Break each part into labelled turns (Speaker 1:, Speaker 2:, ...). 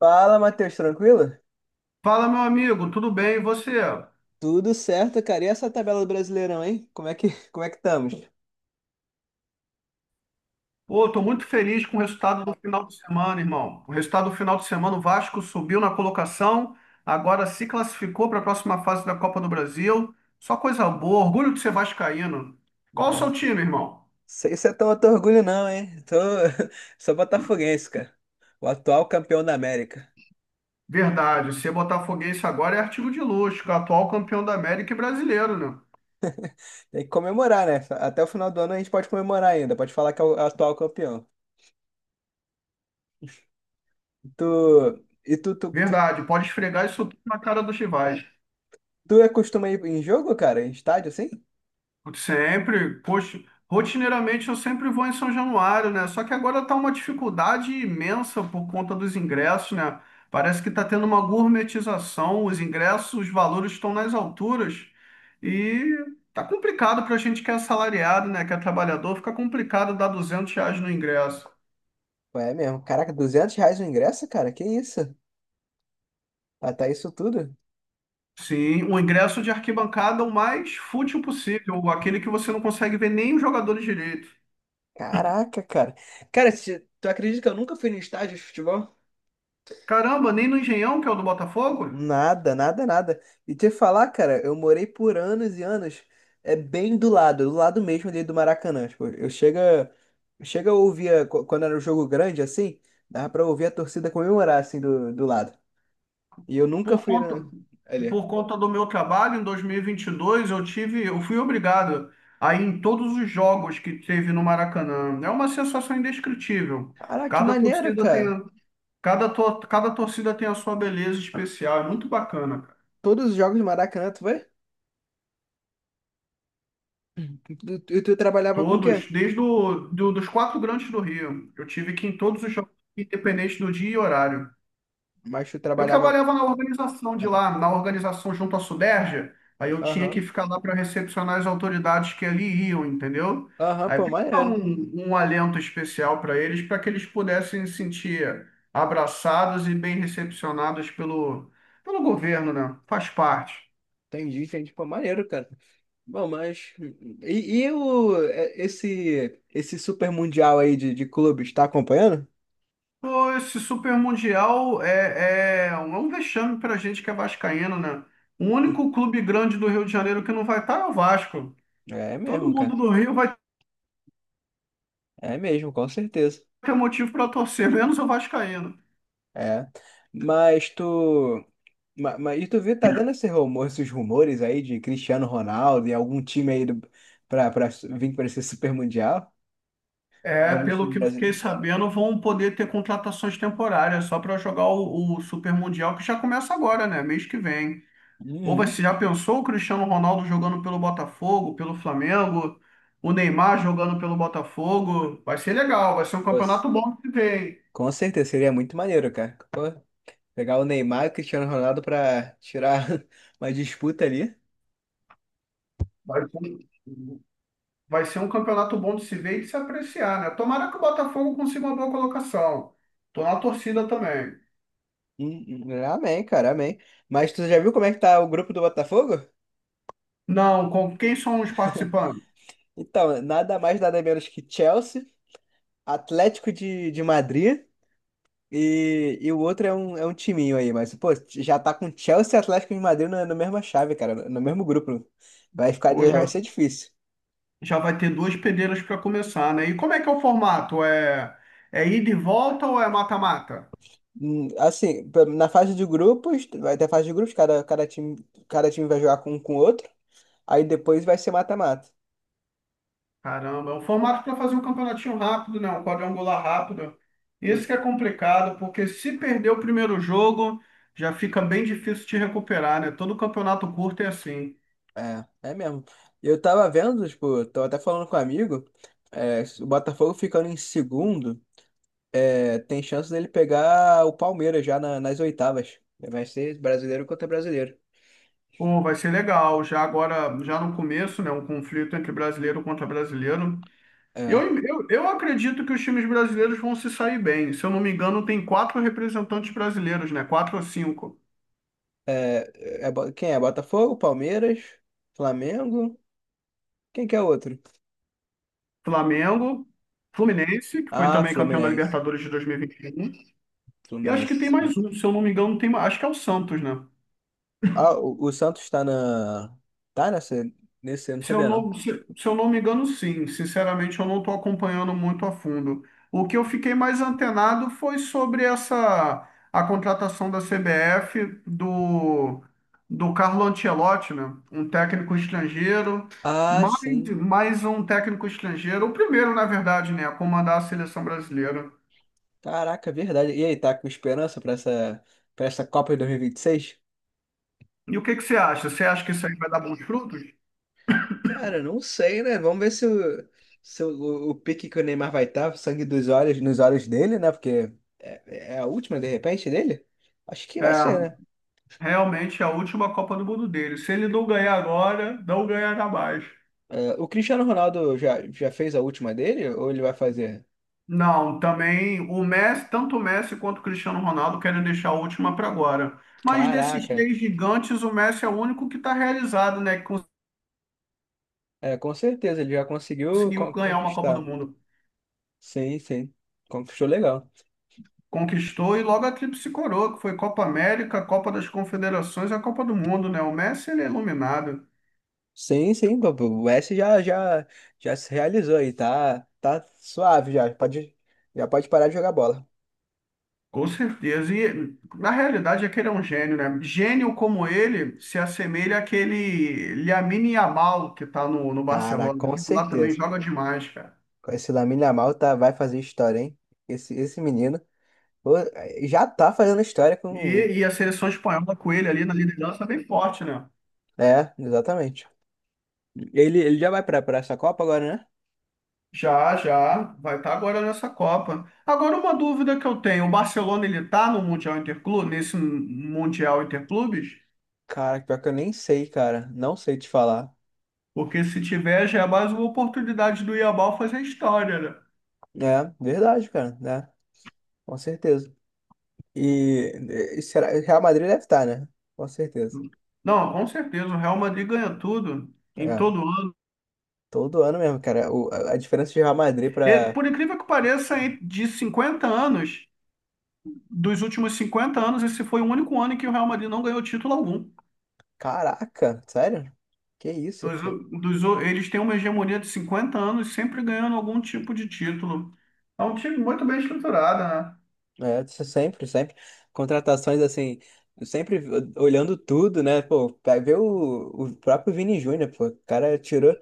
Speaker 1: Fala, Matheus, tranquilo?
Speaker 2: Fala, meu amigo, tudo bem? E você?
Speaker 1: Tudo certo, cara. E essa tabela do Brasileirão, hein? Como é que, como é que estamos?
Speaker 2: Pô, tô muito feliz com o resultado do final de semana, irmão. O resultado do final de semana, o Vasco subiu na colocação, agora se classificou para a próxima fase da Copa do Brasil. Só coisa boa, orgulho de ser vascaíno. Qual o seu
Speaker 1: Nossa,
Speaker 2: time, irmão?
Speaker 1: sei se é tão outro orgulho, não, hein? Tô... Sou botafoguense, cara. O atual campeão da América.
Speaker 2: Verdade, ser botafoguense agora é artigo de luxo, atual campeão da América e brasileiro, né?
Speaker 1: Tem que comemorar, né? Até o final do ano a gente pode comemorar ainda. Pode falar que é o atual campeão. Tu... E tu, tu, tu,
Speaker 2: Verdade, pode esfregar isso tudo na cara dos rivais.
Speaker 1: tu é costuma ir em jogo, cara? Em estádio, assim?
Speaker 2: Sempre, poxa, rotineiramente eu sempre vou em São Januário, né? Só que agora tá uma dificuldade imensa por conta dos ingressos, né? Parece que tá tendo uma gourmetização, os ingressos, os valores estão nas alturas e tá complicado pra gente que é assalariado, né? Que é trabalhador, fica complicado dar R$ 200 no ingresso.
Speaker 1: É mesmo. Caraca, 200 reais o ingresso, cara? Que isso? Até isso tudo?
Speaker 2: Sim, o ingresso de arquibancada é o mais fútil possível, aquele que você não consegue ver nem os jogador direito.
Speaker 1: Caraca, cara. Cara, tu acredita que eu nunca fui no estádio de futebol?
Speaker 2: Caramba, nem no Engenhão, que é o do Botafogo?
Speaker 1: Nada, nada, nada. E te falar, cara, eu morei por anos e anos, é bem do lado mesmo ali do Maracanã. Tipo, eu chega, chega a ouvir, quando era um jogo grande assim, dava pra ouvir a torcida comemorar assim do, do lado. E eu nunca
Speaker 2: Por
Speaker 1: fui
Speaker 2: conta,
Speaker 1: na, ali.
Speaker 2: por conta do meu trabalho, em dois mil e vinte e dois eu fui obrigado a ir em todos os jogos que teve no Maracanã. É uma sensação indescritível.
Speaker 1: Caraca, que
Speaker 2: Cada
Speaker 1: maneiro,
Speaker 2: torcida tem,
Speaker 1: cara.
Speaker 2: cada torcida tem a sua beleza especial. É muito bacana, cara.
Speaker 1: Todos os jogos do Maracanã, tu vai? E tu trabalhava com o quê?
Speaker 2: Todos, desde dos quatro grandes do Rio. Eu tive que ir em todos os jogos, independente do dia e horário.
Speaker 1: Mas tu
Speaker 2: Eu
Speaker 1: trabalhava.
Speaker 2: trabalhava na organização de
Speaker 1: Ah, tá.
Speaker 2: lá, na organização junto à Suderja, aí eu tinha que
Speaker 1: Aham,
Speaker 2: ficar lá para recepcionar as autoridades que ali iam, entendeu?
Speaker 1: aham,
Speaker 2: Aí
Speaker 1: pô,
Speaker 2: tem que dar
Speaker 1: maneiro.
Speaker 2: um alento especial para eles, para que eles pudessem se sentir abraçados e bem recepcionados pelo governo, né? Faz parte.
Speaker 1: Entendi, entendi, pô, maneiro, cara. Bom, mas e o é, esse esse super mundial aí de clubes, tá acompanhando?
Speaker 2: Pô, esse Super Mundial é um vexame para a gente que é vascaíno, né? O único clube grande do Rio de Janeiro que não vai estar é o Vasco.
Speaker 1: É
Speaker 2: Todo
Speaker 1: mesmo,
Speaker 2: mundo
Speaker 1: cara.
Speaker 2: do Rio vai
Speaker 1: É mesmo, com certeza.
Speaker 2: ter motivo para torcer, menos o Vascaíno.
Speaker 1: É. Mas mas, e tu viu, tá vendo esse rumor, esses rumores aí de Cristiano Ronaldo e algum time aí do, pra vir pra esse super mundial?
Speaker 2: É,
Speaker 1: Algum
Speaker 2: pelo
Speaker 1: time
Speaker 2: que eu fiquei
Speaker 1: brasileiro?
Speaker 2: sabendo, vão poder ter contratações temporárias só para jogar o Super Mundial, que já começa agora, né? Mês que vem. Ou
Speaker 1: Uhum.
Speaker 2: você já pensou o Cristiano Ronaldo jogando pelo Botafogo, pelo Flamengo, o Neymar jogando pelo Botafogo? Vai ser legal, vai ser um
Speaker 1: Pô,
Speaker 2: campeonato bom de se ver, hein?
Speaker 1: com certeza seria muito maneiro, cara. Pô, pegar o Neymar e o Cristiano Ronaldo pra tirar uma disputa ali.
Speaker 2: Vai ser, um, vai ser um campeonato bom de se ver e de se apreciar, né? Tomara que o Botafogo consiga uma boa colocação. Tô na torcida também.
Speaker 1: Amém, cara, amém. Mas tu já viu como é que tá o grupo do Botafogo?
Speaker 2: Não, com quem são os participantes?
Speaker 1: Então, nada mais, nada menos que Chelsea, Atlético de Madrid e o outro é um timinho aí, mas, pô, já tá com Chelsea e Atlético de Madrid na, na mesma chave, cara, no, no mesmo grupo. Vai ficar, vai
Speaker 2: Hoje
Speaker 1: ser difícil.
Speaker 2: já vai ter duas peneiras para começar, né? E como é que é o formato? É ida e volta ou é mata-mata?
Speaker 1: Assim, na fase de grupos, vai ter fase de grupos, cada, cada time vai jogar com o outro, aí depois vai ser mata-mata.
Speaker 2: Caramba, é um formato para fazer um campeonatinho rápido, né? Um quadrangular rápido. Isso que é complicado, porque se perder o primeiro jogo, já fica bem difícil te recuperar, né? Todo campeonato curto é assim.
Speaker 1: É, é mesmo. Eu tava vendo, tipo, tava até falando com um amigo, é, se o Botafogo ficando em segundo, é, tem chance dele pegar o Palmeiras nas oitavas. Vai ser brasileiro contra brasileiro.
Speaker 2: Pô, vai ser legal. Já agora, já no começo, né? Um conflito entre brasileiro contra brasileiro.
Speaker 1: É,
Speaker 2: Eu acredito que os times brasileiros vão se sair bem. Se eu não me engano, tem quatro representantes brasileiros, né? Quatro ou cinco.
Speaker 1: é, quem é? Botafogo, Palmeiras, Flamengo? Quem que é o outro?
Speaker 2: Flamengo, Fluminense, que foi
Speaker 1: Ah,
Speaker 2: também campeão da
Speaker 1: Fluminense.
Speaker 2: Libertadores de 2021. E vinte e um. E acho que tem
Speaker 1: Fluminense.
Speaker 2: mais um, se eu não me engano, acho que é o Santos, né?
Speaker 1: Ah, o Santos tá na. Tá nessa. Nesse, eu não
Speaker 2: Se eu
Speaker 1: sabia não.
Speaker 2: não, se, se eu não me engano, sim. Sinceramente, eu não estou acompanhando muito a fundo. O que eu fiquei mais antenado foi sobre essa a contratação da CBF do Carlo Ancelotti, né? Um técnico estrangeiro,
Speaker 1: Ah,
Speaker 2: mais,
Speaker 1: sim.
Speaker 2: mais um técnico estrangeiro, o primeiro, na verdade, né, a comandar a seleção brasileira.
Speaker 1: Caraca, verdade. E aí, tá com esperança pra essa Copa de 2026?
Speaker 2: E o que que você acha? Você acha que isso aí vai dar bons frutos?
Speaker 1: Cara, não sei, né? Vamos ver se o, se o, o pique que o Neymar vai estar, sangue dos olhos, nos olhos dele, né? Porque é, é a última, de repente, dele? Acho que
Speaker 2: É,
Speaker 1: vai ser, né?
Speaker 2: realmente é a última Copa do Mundo dele. Se ele não ganhar agora, não ganhará mais.
Speaker 1: É, o Cristiano Ronaldo já, já fez a última dele ou ele vai fazer?
Speaker 2: Não, também o Messi, tanto o Messi quanto o Cristiano Ronaldo querem deixar a última para agora. Mas desses
Speaker 1: Caraca,
Speaker 2: três gigantes, o Messi é o único que está realizado, né? Que
Speaker 1: é, com certeza, ele já conseguiu
Speaker 2: conseguiu ganhar uma Copa do
Speaker 1: conquistar.
Speaker 2: Mundo.
Speaker 1: Sim, sim. Conquistou legal.
Speaker 2: Conquistou e logo a tríplice coroa, que foi Copa América, Copa das Confederações e a Copa do Mundo, né? O Messi, ele é iluminado,
Speaker 1: Sim, sim, papo. O S já, já, já se realizou aí, tá, tá suave já pode parar de jogar bola.
Speaker 2: com certeza. E na realidade é que ele é um gênio, né? Gênio como ele se assemelha àquele Lamine Yamal que está no
Speaker 1: Cara,
Speaker 2: Barcelona,
Speaker 1: com
Speaker 2: que lá também
Speaker 1: certeza.
Speaker 2: joga demais, cara.
Speaker 1: Com esse Lamine Yamal tá, vai fazer história, hein? Esse menino pô, já tá fazendo história com...
Speaker 2: E a seleção espanhola com ele ali na liderança é bem forte, né?
Speaker 1: É, exatamente. Ele já vai pra, pra essa Copa agora, né?
Speaker 2: Vai estar agora nessa Copa. Agora uma dúvida que eu tenho, o Barcelona ele tá no Mundial Interclube, nesse Mundial Interclubes?
Speaker 1: Cara, pior que eu nem sei, cara, não sei te falar.
Speaker 2: Porque se tiver já é mais uma oportunidade do Yamal fazer história, né?
Speaker 1: É, verdade, cara, né? Com certeza. E, e será, Real Madrid deve estar, né? Com certeza.
Speaker 2: Não, com certeza, o Real Madrid ganha tudo em
Speaker 1: É.
Speaker 2: todo ano.
Speaker 1: Todo ano mesmo, cara. A diferença de Real Madrid
Speaker 2: E,
Speaker 1: pra.
Speaker 2: por incrível que pareça, de 50 anos, dos últimos 50 anos, esse foi o único ano em que o Real Madrid não ganhou título algum.
Speaker 1: Caraca, sério? Que isso,
Speaker 2: Dos,
Speaker 1: cara?
Speaker 2: eles têm uma hegemonia de 50 anos, sempre ganhando algum tipo de título. É um time muito bem estruturado, né?
Speaker 1: É, isso sempre, sempre. Contratações assim, sempre olhando tudo, né? Pô, vai ver o próprio Vini Júnior, pô. O cara tirou.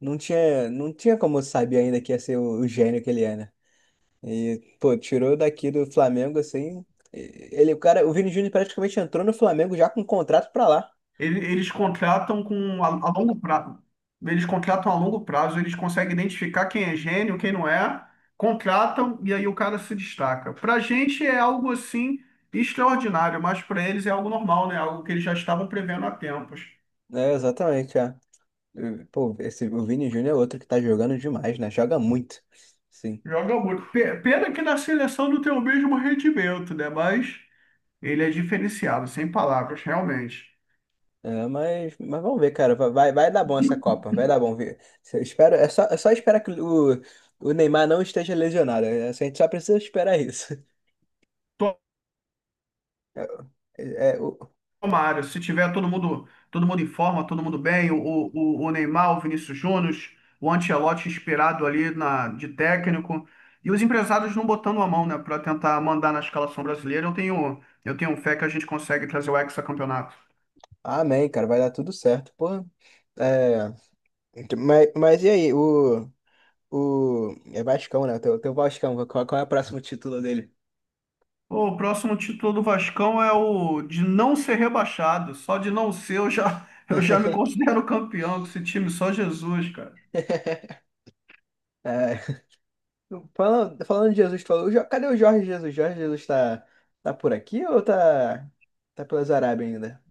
Speaker 1: Não tinha, não tinha como saber ainda que ia ser o gênio que ele é, né? E, pô, tirou daqui do Flamengo, assim. Ele, o cara, o Vini Júnior praticamente entrou no Flamengo já com contrato pra lá.
Speaker 2: Eles contratam com a longo prazo. Eles contratam a longo prazo, eles conseguem identificar quem é gênio, quem não é, contratam e aí o cara se destaca. Para a gente é algo assim extraordinário, mas para eles é algo normal, né? Algo que eles já estavam prevendo há tempos.
Speaker 1: É, exatamente, é. Pô, esse, o Vini Júnior é outro que tá jogando demais, né? Joga muito. Sim.
Speaker 2: Joga muito. Pena que na seleção não tem o mesmo rendimento, né? Mas. Ele é diferenciado, sem palavras, realmente.
Speaker 1: É, mas vamos ver, cara. Vai, vai dar bom essa Copa. Vai dar bom. Eu espero, é só esperar que o Neymar não esteja lesionado. É, a gente só precisa esperar isso. É, é, o...
Speaker 2: Tomara, se tiver todo mundo em forma, todo mundo bem, o Neymar, o Vinícius Júnior, o Ancelotti inspirado ali na, de técnico, e os empresários não botando a mão, né, para tentar mandar na escalação brasileira, eu tenho fé que a gente consegue trazer o hexacampeonato.
Speaker 1: Amém, cara. Vai dar tudo certo. Pô, é... então, mas e aí? O... É Vascão, né? O teu, teu Vascão. Qual, qual é o próximo título dele?
Speaker 2: O próximo título do Vascão é o de não ser rebaixado. Só de não ser, eu já, eu já me considero campeão com esse time, só Jesus, cara.
Speaker 1: É. Falando, falando de Jesus, tu falou, cadê o Jorge Jesus? Jorge Jesus tá, tá por aqui ou tá, tá pelas Arábias ainda?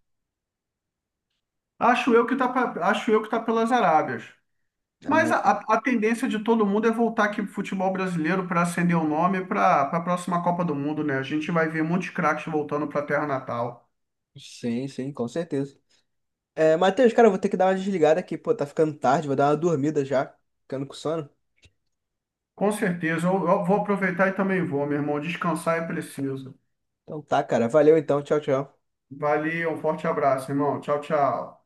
Speaker 2: Acho eu que tá pelas Arábias. Mas
Speaker 1: Ah,
Speaker 2: a tendência de todo mundo é voltar aqui pro futebol brasileiro para acender o nome para a próxima Copa do Mundo, né? A gente vai ver muitos craques voltando para a terra natal.
Speaker 1: sim, sim, com certeza. É, Matheus, cara, eu vou ter que dar uma desligada aqui, pô, tá ficando tarde, vou dar uma dormida já, ficando com sono.
Speaker 2: Com certeza. Eu vou aproveitar e também vou, meu irmão. Descansar é preciso.
Speaker 1: Então tá, cara, valeu então, tchau, tchau.
Speaker 2: Valeu, um forte abraço, irmão. Tchau, tchau.